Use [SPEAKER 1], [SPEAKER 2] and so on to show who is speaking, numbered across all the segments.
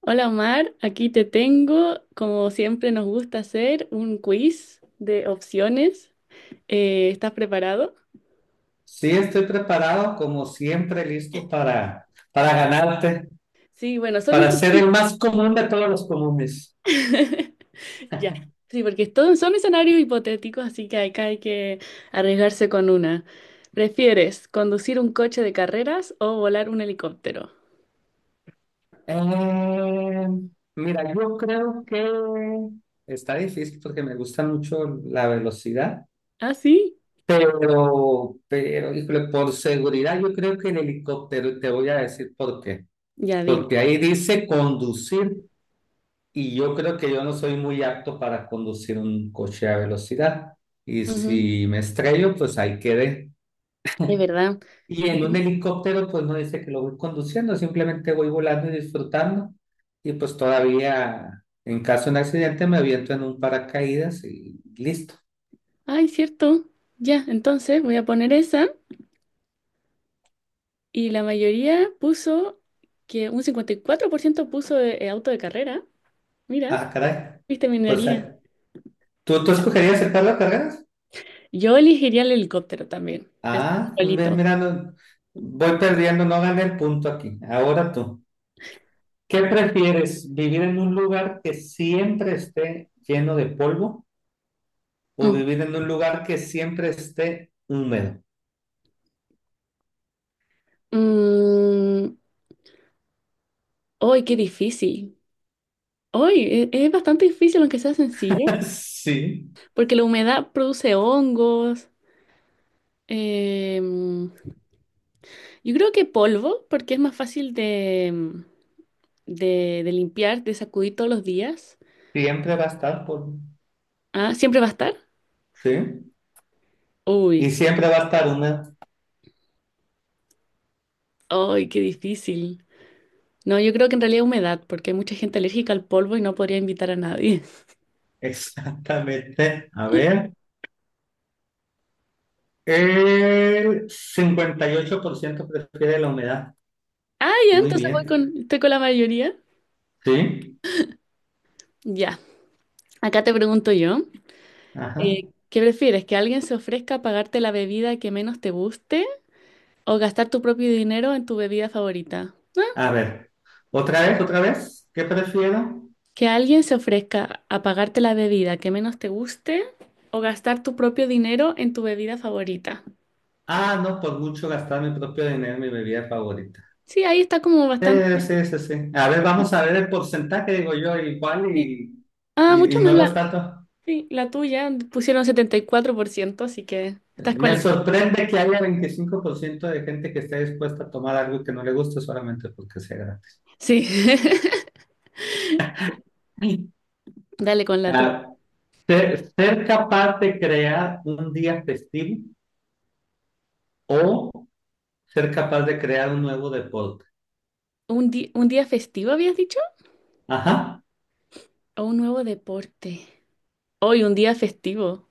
[SPEAKER 1] Hola Omar, aquí te tengo, como siempre nos gusta hacer, un quiz de opciones. ¿Estás preparado?
[SPEAKER 2] Sí, estoy preparado, como siempre, listo para ganarte,
[SPEAKER 1] Sí, bueno, son
[SPEAKER 2] para ser el más común de todos los comunes.
[SPEAKER 1] escenarios. Ya, sí, porque todos son escenarios hipotéticos, así que acá hay que arriesgarse con una. ¿Prefieres conducir un coche de carreras o volar un helicóptero?
[SPEAKER 2] Eh, mira, yo creo que está difícil porque me gusta mucho la velocidad,
[SPEAKER 1] ¿Ah, sí?
[SPEAKER 2] híjole, por seguridad, yo creo que el helicóptero, y te voy a decir por qué.
[SPEAKER 1] Ya dime.
[SPEAKER 2] Porque ahí dice conducir, y yo creo que yo no soy muy apto para conducir un coche a velocidad. Y
[SPEAKER 1] Ujú.
[SPEAKER 2] si me estrello, pues ahí quedé.
[SPEAKER 1] Es verdad.
[SPEAKER 2] Y en un
[SPEAKER 1] Entonces-
[SPEAKER 2] helicóptero, pues no dice que lo voy conduciendo, simplemente voy volando y disfrutando. Y pues todavía, en caso de un accidente, me aviento en un paracaídas y listo.
[SPEAKER 1] Ay, cierto. Ya, entonces voy a poner esa. Y la mayoría puso que un 54% puso auto de carrera. Mira,
[SPEAKER 2] Ah, caray.
[SPEAKER 1] viste
[SPEAKER 2] Pues,
[SPEAKER 1] minería.
[SPEAKER 2] ¿tú escogerías el Carlos Carreras?
[SPEAKER 1] Yo elegiría el helicóptero también, pensando
[SPEAKER 2] Ah,
[SPEAKER 1] igualito.
[SPEAKER 2] mira, voy perdiendo, no gané el punto aquí. Ahora tú. ¿Qué prefieres, vivir en un lugar que siempre esté lleno de polvo o
[SPEAKER 1] Mm.
[SPEAKER 2] vivir en un lugar que siempre esté húmedo?
[SPEAKER 1] Mm, ¡ay, qué difícil! ¡Ay, es bastante difícil, aunque sea sencillo,
[SPEAKER 2] Sí.
[SPEAKER 1] porque la humedad produce hongos. em, yo creo que polvo, porque es más fácil de limpiar, de sacudir todos los días.
[SPEAKER 2] Siempre va a estar por,
[SPEAKER 1] Ah, ¿siempre va a estar?
[SPEAKER 2] sí, y
[SPEAKER 1] Uy,
[SPEAKER 2] siempre va a estar una,
[SPEAKER 1] ¡ay, qué difícil! No, yo creo que en realidad humedad, porque hay mucha gente alérgica al polvo y no podría invitar a nadie.
[SPEAKER 2] exactamente, a ver, el 58% prefiere la humedad,
[SPEAKER 1] Ah, ya,
[SPEAKER 2] muy
[SPEAKER 1] entonces voy
[SPEAKER 2] bien,
[SPEAKER 1] con, estoy con la mayoría.
[SPEAKER 2] sí,
[SPEAKER 1] Ya, acá te pregunto yo,
[SPEAKER 2] ajá,
[SPEAKER 1] ¿qué prefieres? ¿Que alguien se ofrezca a pagarte la bebida que menos te guste o gastar tu propio dinero en tu bebida favorita?
[SPEAKER 2] a ver, ¿qué prefiero?
[SPEAKER 1] ¿Que alguien se ofrezca a pagarte la bebida que menos te guste o gastar tu propio dinero en tu bebida favorita?
[SPEAKER 2] Ah, no, por mucho gastar mi propio dinero en mi bebida favorita.
[SPEAKER 1] Sí, ahí está como
[SPEAKER 2] Sí,
[SPEAKER 1] bastante...
[SPEAKER 2] sí. A ver, vamos a ver el porcentaje, digo yo, igual
[SPEAKER 1] Sí.
[SPEAKER 2] y,
[SPEAKER 1] Ah,
[SPEAKER 2] y,
[SPEAKER 1] mucho
[SPEAKER 2] y
[SPEAKER 1] más
[SPEAKER 2] no lo
[SPEAKER 1] la,
[SPEAKER 2] está todo.
[SPEAKER 1] sí, la tuya, pusieron 74%, así que estás con
[SPEAKER 2] Me
[SPEAKER 1] la...
[SPEAKER 2] sorprende que haya 25% de gente que esté dispuesta a tomar algo que no le gusta solamente porque sea gratis.
[SPEAKER 1] Sí,
[SPEAKER 2] Sí.
[SPEAKER 1] dale con la tuya.
[SPEAKER 2] Ah, ser capaz de crear un día festivo o ser capaz de crear un nuevo deporte.
[SPEAKER 1] ¿Un un día festivo habías dicho?
[SPEAKER 2] Ajá.
[SPEAKER 1] ¿O un nuevo deporte? Hoy, un día festivo.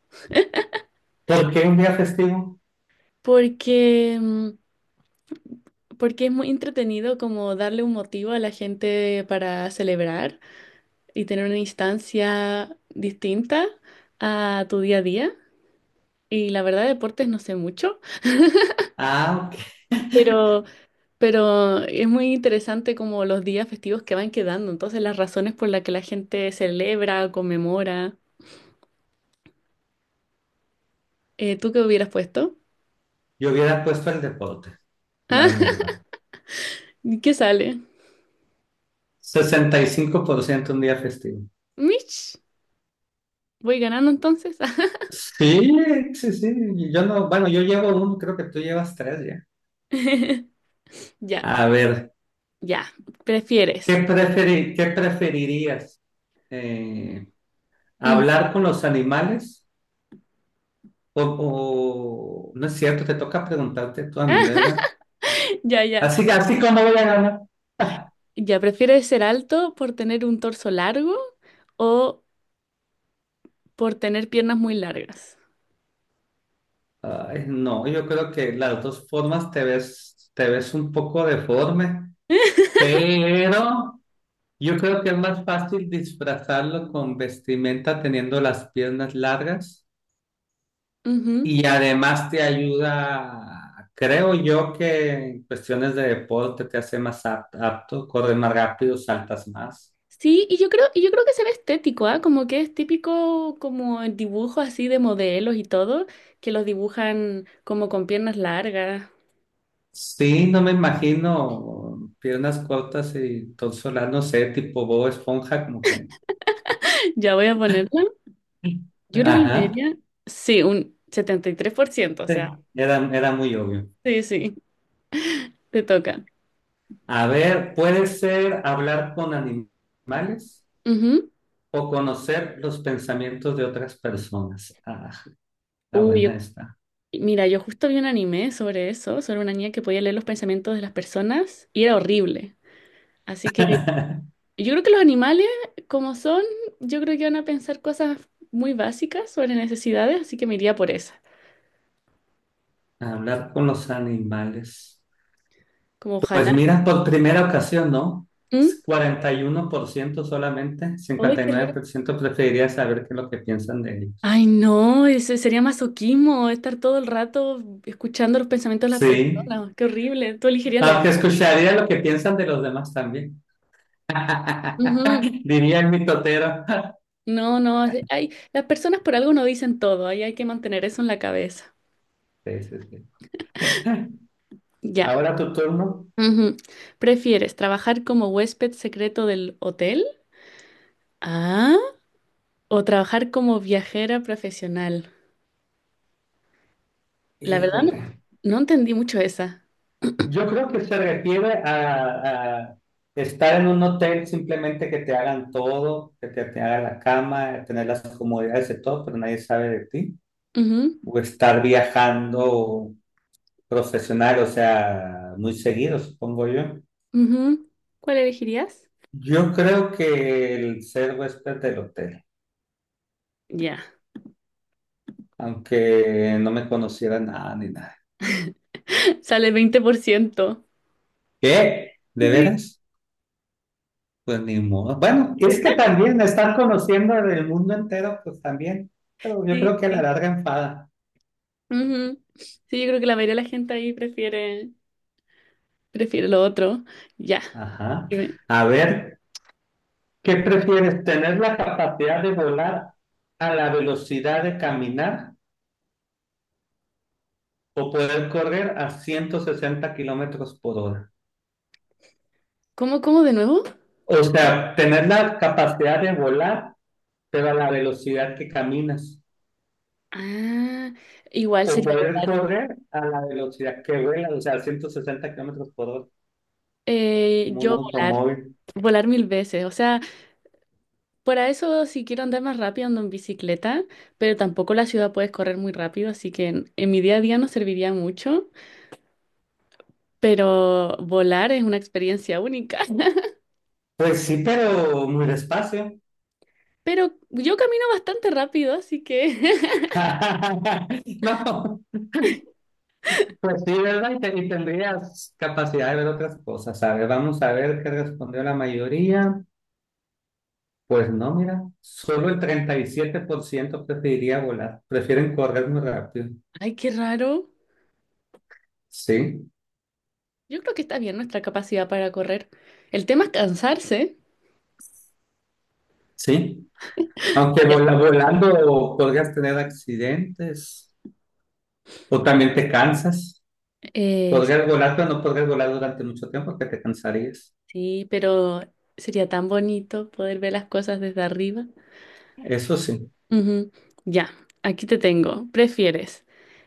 [SPEAKER 2] ¿Por qué un día festivo?
[SPEAKER 1] Porque, mm, porque es muy entretenido como darle un motivo a la gente para celebrar y tener una instancia distinta a tu día a día. Y la verdad, deportes no sé mucho,
[SPEAKER 2] Ah, ok.
[SPEAKER 1] pero, pero es muy interesante como los días festivos que van quedando. Entonces, las razones por las que la gente celebra, conmemora. ¿Tú qué hubieras puesto?
[SPEAKER 2] Yo hubiera puesto el deporte, la verdad.
[SPEAKER 1] ¿Y qué sale?
[SPEAKER 2] 65% un día festivo.
[SPEAKER 1] Mitch, voy ganando entonces.
[SPEAKER 2] Sí, sí. Yo no, bueno, yo llevo uno, creo que tú llevas tres ya.
[SPEAKER 1] Ya,
[SPEAKER 2] A ver.
[SPEAKER 1] ya. ¿Prefieres?
[SPEAKER 2] ¿Qué preferirías? Eh,
[SPEAKER 1] Mm.
[SPEAKER 2] ¿Hablar con los animales? No es cierto, te toca preguntarte tú a mí, ¿verdad?
[SPEAKER 1] Ya, ya.
[SPEAKER 2] Así como voy a ganar.
[SPEAKER 1] Ya, ¿prefieres ser alto por tener un torso largo o por tener piernas muy largas?
[SPEAKER 2] Ay, no, yo creo que las dos formas te ves un poco deforme, pero yo creo que es más fácil disfrazarlo con vestimenta teniendo las piernas largas.
[SPEAKER 1] Ujú.
[SPEAKER 2] Y además te ayuda, creo yo que en cuestiones de deporte te hace más apto, corres más rápido, saltas más.
[SPEAKER 1] Sí, y yo creo que será estético, ¿ah? Como que es típico como en dibujos así de modelos y todo, que los dibujan como con piernas largas.
[SPEAKER 2] Sí, no me imagino piernas cortas y torso no sé, tipo Bob Esponja, como que...
[SPEAKER 1] Ya voy a ponerla. Yo creo que la
[SPEAKER 2] Ajá,
[SPEAKER 1] mayoría, sí, un 73%. O sea,
[SPEAKER 2] sí, era muy obvio.
[SPEAKER 1] sí, sí, te toca.
[SPEAKER 2] A ver, puede ser hablar con animales
[SPEAKER 1] Ujú.
[SPEAKER 2] o conocer los pensamientos de otras personas. Ah, está
[SPEAKER 1] Uy,
[SPEAKER 2] buena esta.
[SPEAKER 1] mira, yo justo vi un anime sobre eso, sobre una niña que podía leer los pensamientos de las personas y era horrible. Así que yo creo que los animales, como son, yo creo que van a pensar cosas muy básicas sobre necesidades, así que me iría por esa.
[SPEAKER 2] Hablar con los animales.
[SPEAKER 1] Como
[SPEAKER 2] Pues
[SPEAKER 1] ojalá.
[SPEAKER 2] mira, por primera ocasión, ¿no?
[SPEAKER 1] ¿Mm?
[SPEAKER 2] 41% solamente,
[SPEAKER 1] Ay,
[SPEAKER 2] cincuenta y
[SPEAKER 1] qué
[SPEAKER 2] nueve
[SPEAKER 1] raro.
[SPEAKER 2] por ciento preferiría saber qué es lo que piensan de ellos.
[SPEAKER 1] Ay, no, ese sería masoquismo, estar todo el rato escuchando los pensamientos de las
[SPEAKER 2] Sí,
[SPEAKER 1] personas. Qué horrible. Tú elegirías la otra.
[SPEAKER 2] aunque escucharía lo que piensan de los demás también.
[SPEAKER 1] Ujú.
[SPEAKER 2] Diría el mitotero.
[SPEAKER 1] No, no, hay, las personas por algo no dicen todo, ahí hay que mantener eso en la cabeza.
[SPEAKER 2] Sí, sí, sí.
[SPEAKER 1] Ya.
[SPEAKER 2] Ahora tu turno.
[SPEAKER 1] Ujú. ¿Prefieres trabajar como huésped secreto del hotel? Ah, ¿o trabajar como viajera profesional? La verdad no,
[SPEAKER 2] Híjole.
[SPEAKER 1] no entendí mucho esa.
[SPEAKER 2] Yo creo que se refiere a estar en un hotel simplemente que te hagan todo, que te hagan la cama, tener las comodidades de todo, pero nadie sabe de ti.
[SPEAKER 1] Ujú,
[SPEAKER 2] O estar viajando profesional, o sea, muy seguido, supongo yo.
[SPEAKER 1] ujú. ¿Cuál elegirías?
[SPEAKER 2] Yo creo que el ser huésped del hotel,
[SPEAKER 1] Ya.
[SPEAKER 2] aunque no me conociera nada ni nada.
[SPEAKER 1] Sale 20%.
[SPEAKER 2] ¿Qué? ¿De
[SPEAKER 1] Sí,
[SPEAKER 2] veras? Pues ni modo. Bueno, es que también estar conociendo del mundo entero, pues también, pero yo
[SPEAKER 1] sí,
[SPEAKER 2] creo que a la
[SPEAKER 1] sí.
[SPEAKER 2] larga enfada.
[SPEAKER 1] Ujú. Sí, yo creo que la mayoría de la gente ahí prefiere lo otro. Ya.
[SPEAKER 2] Ajá.
[SPEAKER 1] Dime.
[SPEAKER 2] A ver, ¿qué prefieres? ¿Tener la capacidad de volar a la velocidad de caminar o poder correr a 160 kilómetros por hora?
[SPEAKER 1] ¿Cómo, cómo de nuevo?
[SPEAKER 2] O sea, tener la capacidad de volar, pero a la velocidad que caminas.
[SPEAKER 1] Ah, igual
[SPEAKER 2] O
[SPEAKER 1] sería
[SPEAKER 2] poder
[SPEAKER 1] volar.
[SPEAKER 2] correr a la velocidad que vuela, o sea, 160 kilómetros por hora, como un
[SPEAKER 1] Yo volar.
[SPEAKER 2] automóvil.
[SPEAKER 1] Volar mil veces. O sea, para eso, si quiero andar más rápido, ando en bicicleta, pero tampoco la ciudad puedes correr muy rápido, así que en mi día a día no serviría mucho, pero volar es una experiencia única.
[SPEAKER 2] Pues sí, pero muy despacio.
[SPEAKER 1] Pero yo camino bastante rápido, así que...
[SPEAKER 2] No, pues sí, ¿verdad? Y, y tendrías capacidad de ver otras cosas. A ver, vamos a ver qué respondió la mayoría. Pues no, mira, solo el 37% preferiría volar, prefieren correr muy rápido.
[SPEAKER 1] Ay, qué raro.
[SPEAKER 2] Sí,
[SPEAKER 1] Yo creo que está bien nuestra capacidad para correr. El tema es cansarse.
[SPEAKER 2] sí. Aunque
[SPEAKER 1] Ya.
[SPEAKER 2] volando podrías tener accidentes o también te cansas.
[SPEAKER 1] Eh,
[SPEAKER 2] Podrías volar, pero no podrías volar durante mucho tiempo porque te cansarías.
[SPEAKER 1] sí, pero sería tan bonito poder ver las cosas desde arriba.
[SPEAKER 2] Eso sí.
[SPEAKER 1] Ujú. Ya, aquí te tengo. ¿Prefieres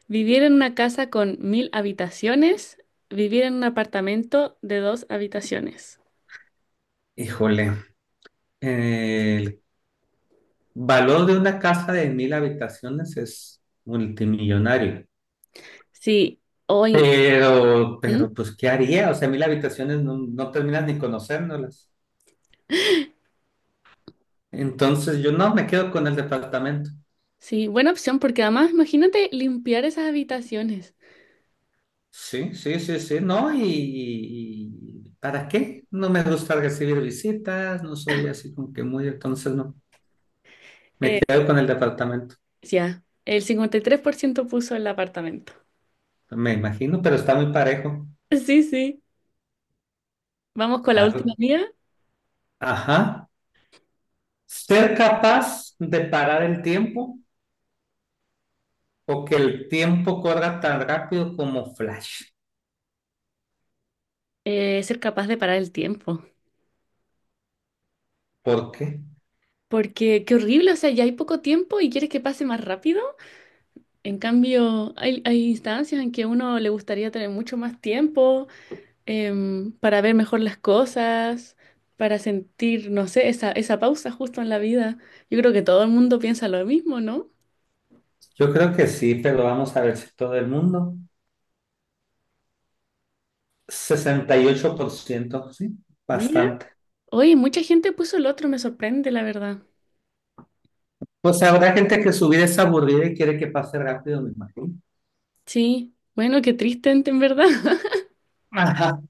[SPEAKER 1] vivir en una casa con mil habitaciones, vivir en un apartamento de dos habitaciones?
[SPEAKER 2] Híjole, el valor de una casa de mil habitaciones es multimillonario.
[SPEAKER 1] Sí, hoy. ¿Mm?
[SPEAKER 2] Pues, ¿qué haría? O sea, mil habitaciones no, no terminas ni conociéndolas. Entonces yo no me quedo con el departamento.
[SPEAKER 1] Sí, buena opción porque además imagínate limpiar esas habitaciones.
[SPEAKER 2] Sí, sí, sí, sí, no, y ¿para qué? No me gusta recibir visitas, no soy así como que muy, entonces no, me
[SPEAKER 1] Eh,
[SPEAKER 2] quedo con el departamento,
[SPEAKER 1] ya, el 53% puso el apartamento.
[SPEAKER 2] me imagino, pero está muy parejo.
[SPEAKER 1] Sí, sí. Vamos con la
[SPEAKER 2] A-
[SPEAKER 1] última mía.
[SPEAKER 2] Ajá, ser capaz de parar el tiempo o que el tiempo corra tan rápido como Flash.
[SPEAKER 1] Ser capaz de parar el tiempo.
[SPEAKER 2] ¿Por qué?
[SPEAKER 1] Porque qué horrible, o sea, ya hay poco tiempo y quieres que pase más rápido. En cambio, hay instancias en que uno le gustaría tener mucho más tiempo para ver mejor las cosas, para sentir, no sé, esa pausa justo en la vida. Yo creo que todo el mundo piensa lo mismo, ¿no?
[SPEAKER 2] Yo creo que sí, pero vamos a ver si todo el mundo. 68%, sí,
[SPEAKER 1] Mira,
[SPEAKER 2] bastante.
[SPEAKER 1] oye, mucha gente puso el otro, me sorprende, la verdad.
[SPEAKER 2] O sea, habrá gente que su vida es aburrida y quiere que pase rápido, me imagino.
[SPEAKER 1] Sí, bueno, qué triste en verdad.
[SPEAKER 2] Ajá.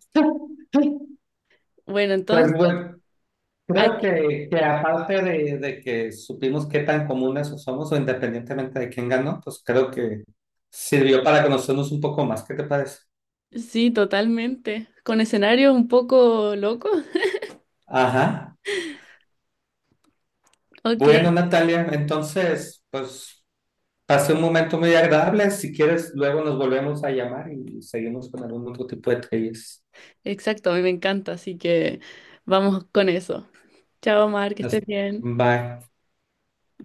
[SPEAKER 1] Bueno,
[SPEAKER 2] Pues
[SPEAKER 1] entonces,
[SPEAKER 2] bueno, creo
[SPEAKER 1] aquí
[SPEAKER 2] que aparte de que supimos qué tan comunes somos o independientemente de quién ganó, pues creo que sirvió para conocernos un poco más. ¿Qué te parece?
[SPEAKER 1] sí, totalmente. Con escenarios un poco locos.
[SPEAKER 2] Ajá.
[SPEAKER 1] Ok,
[SPEAKER 2] Bueno, Natalia, entonces, pues pasé un momento muy agradable. Si quieres, luego nos volvemos a llamar y seguimos con algún otro tipo de trivias.
[SPEAKER 1] exacto, a mí me encanta, así que vamos con eso. Chao, Mar, que estés
[SPEAKER 2] Hasta-
[SPEAKER 1] bien.
[SPEAKER 2] Bye.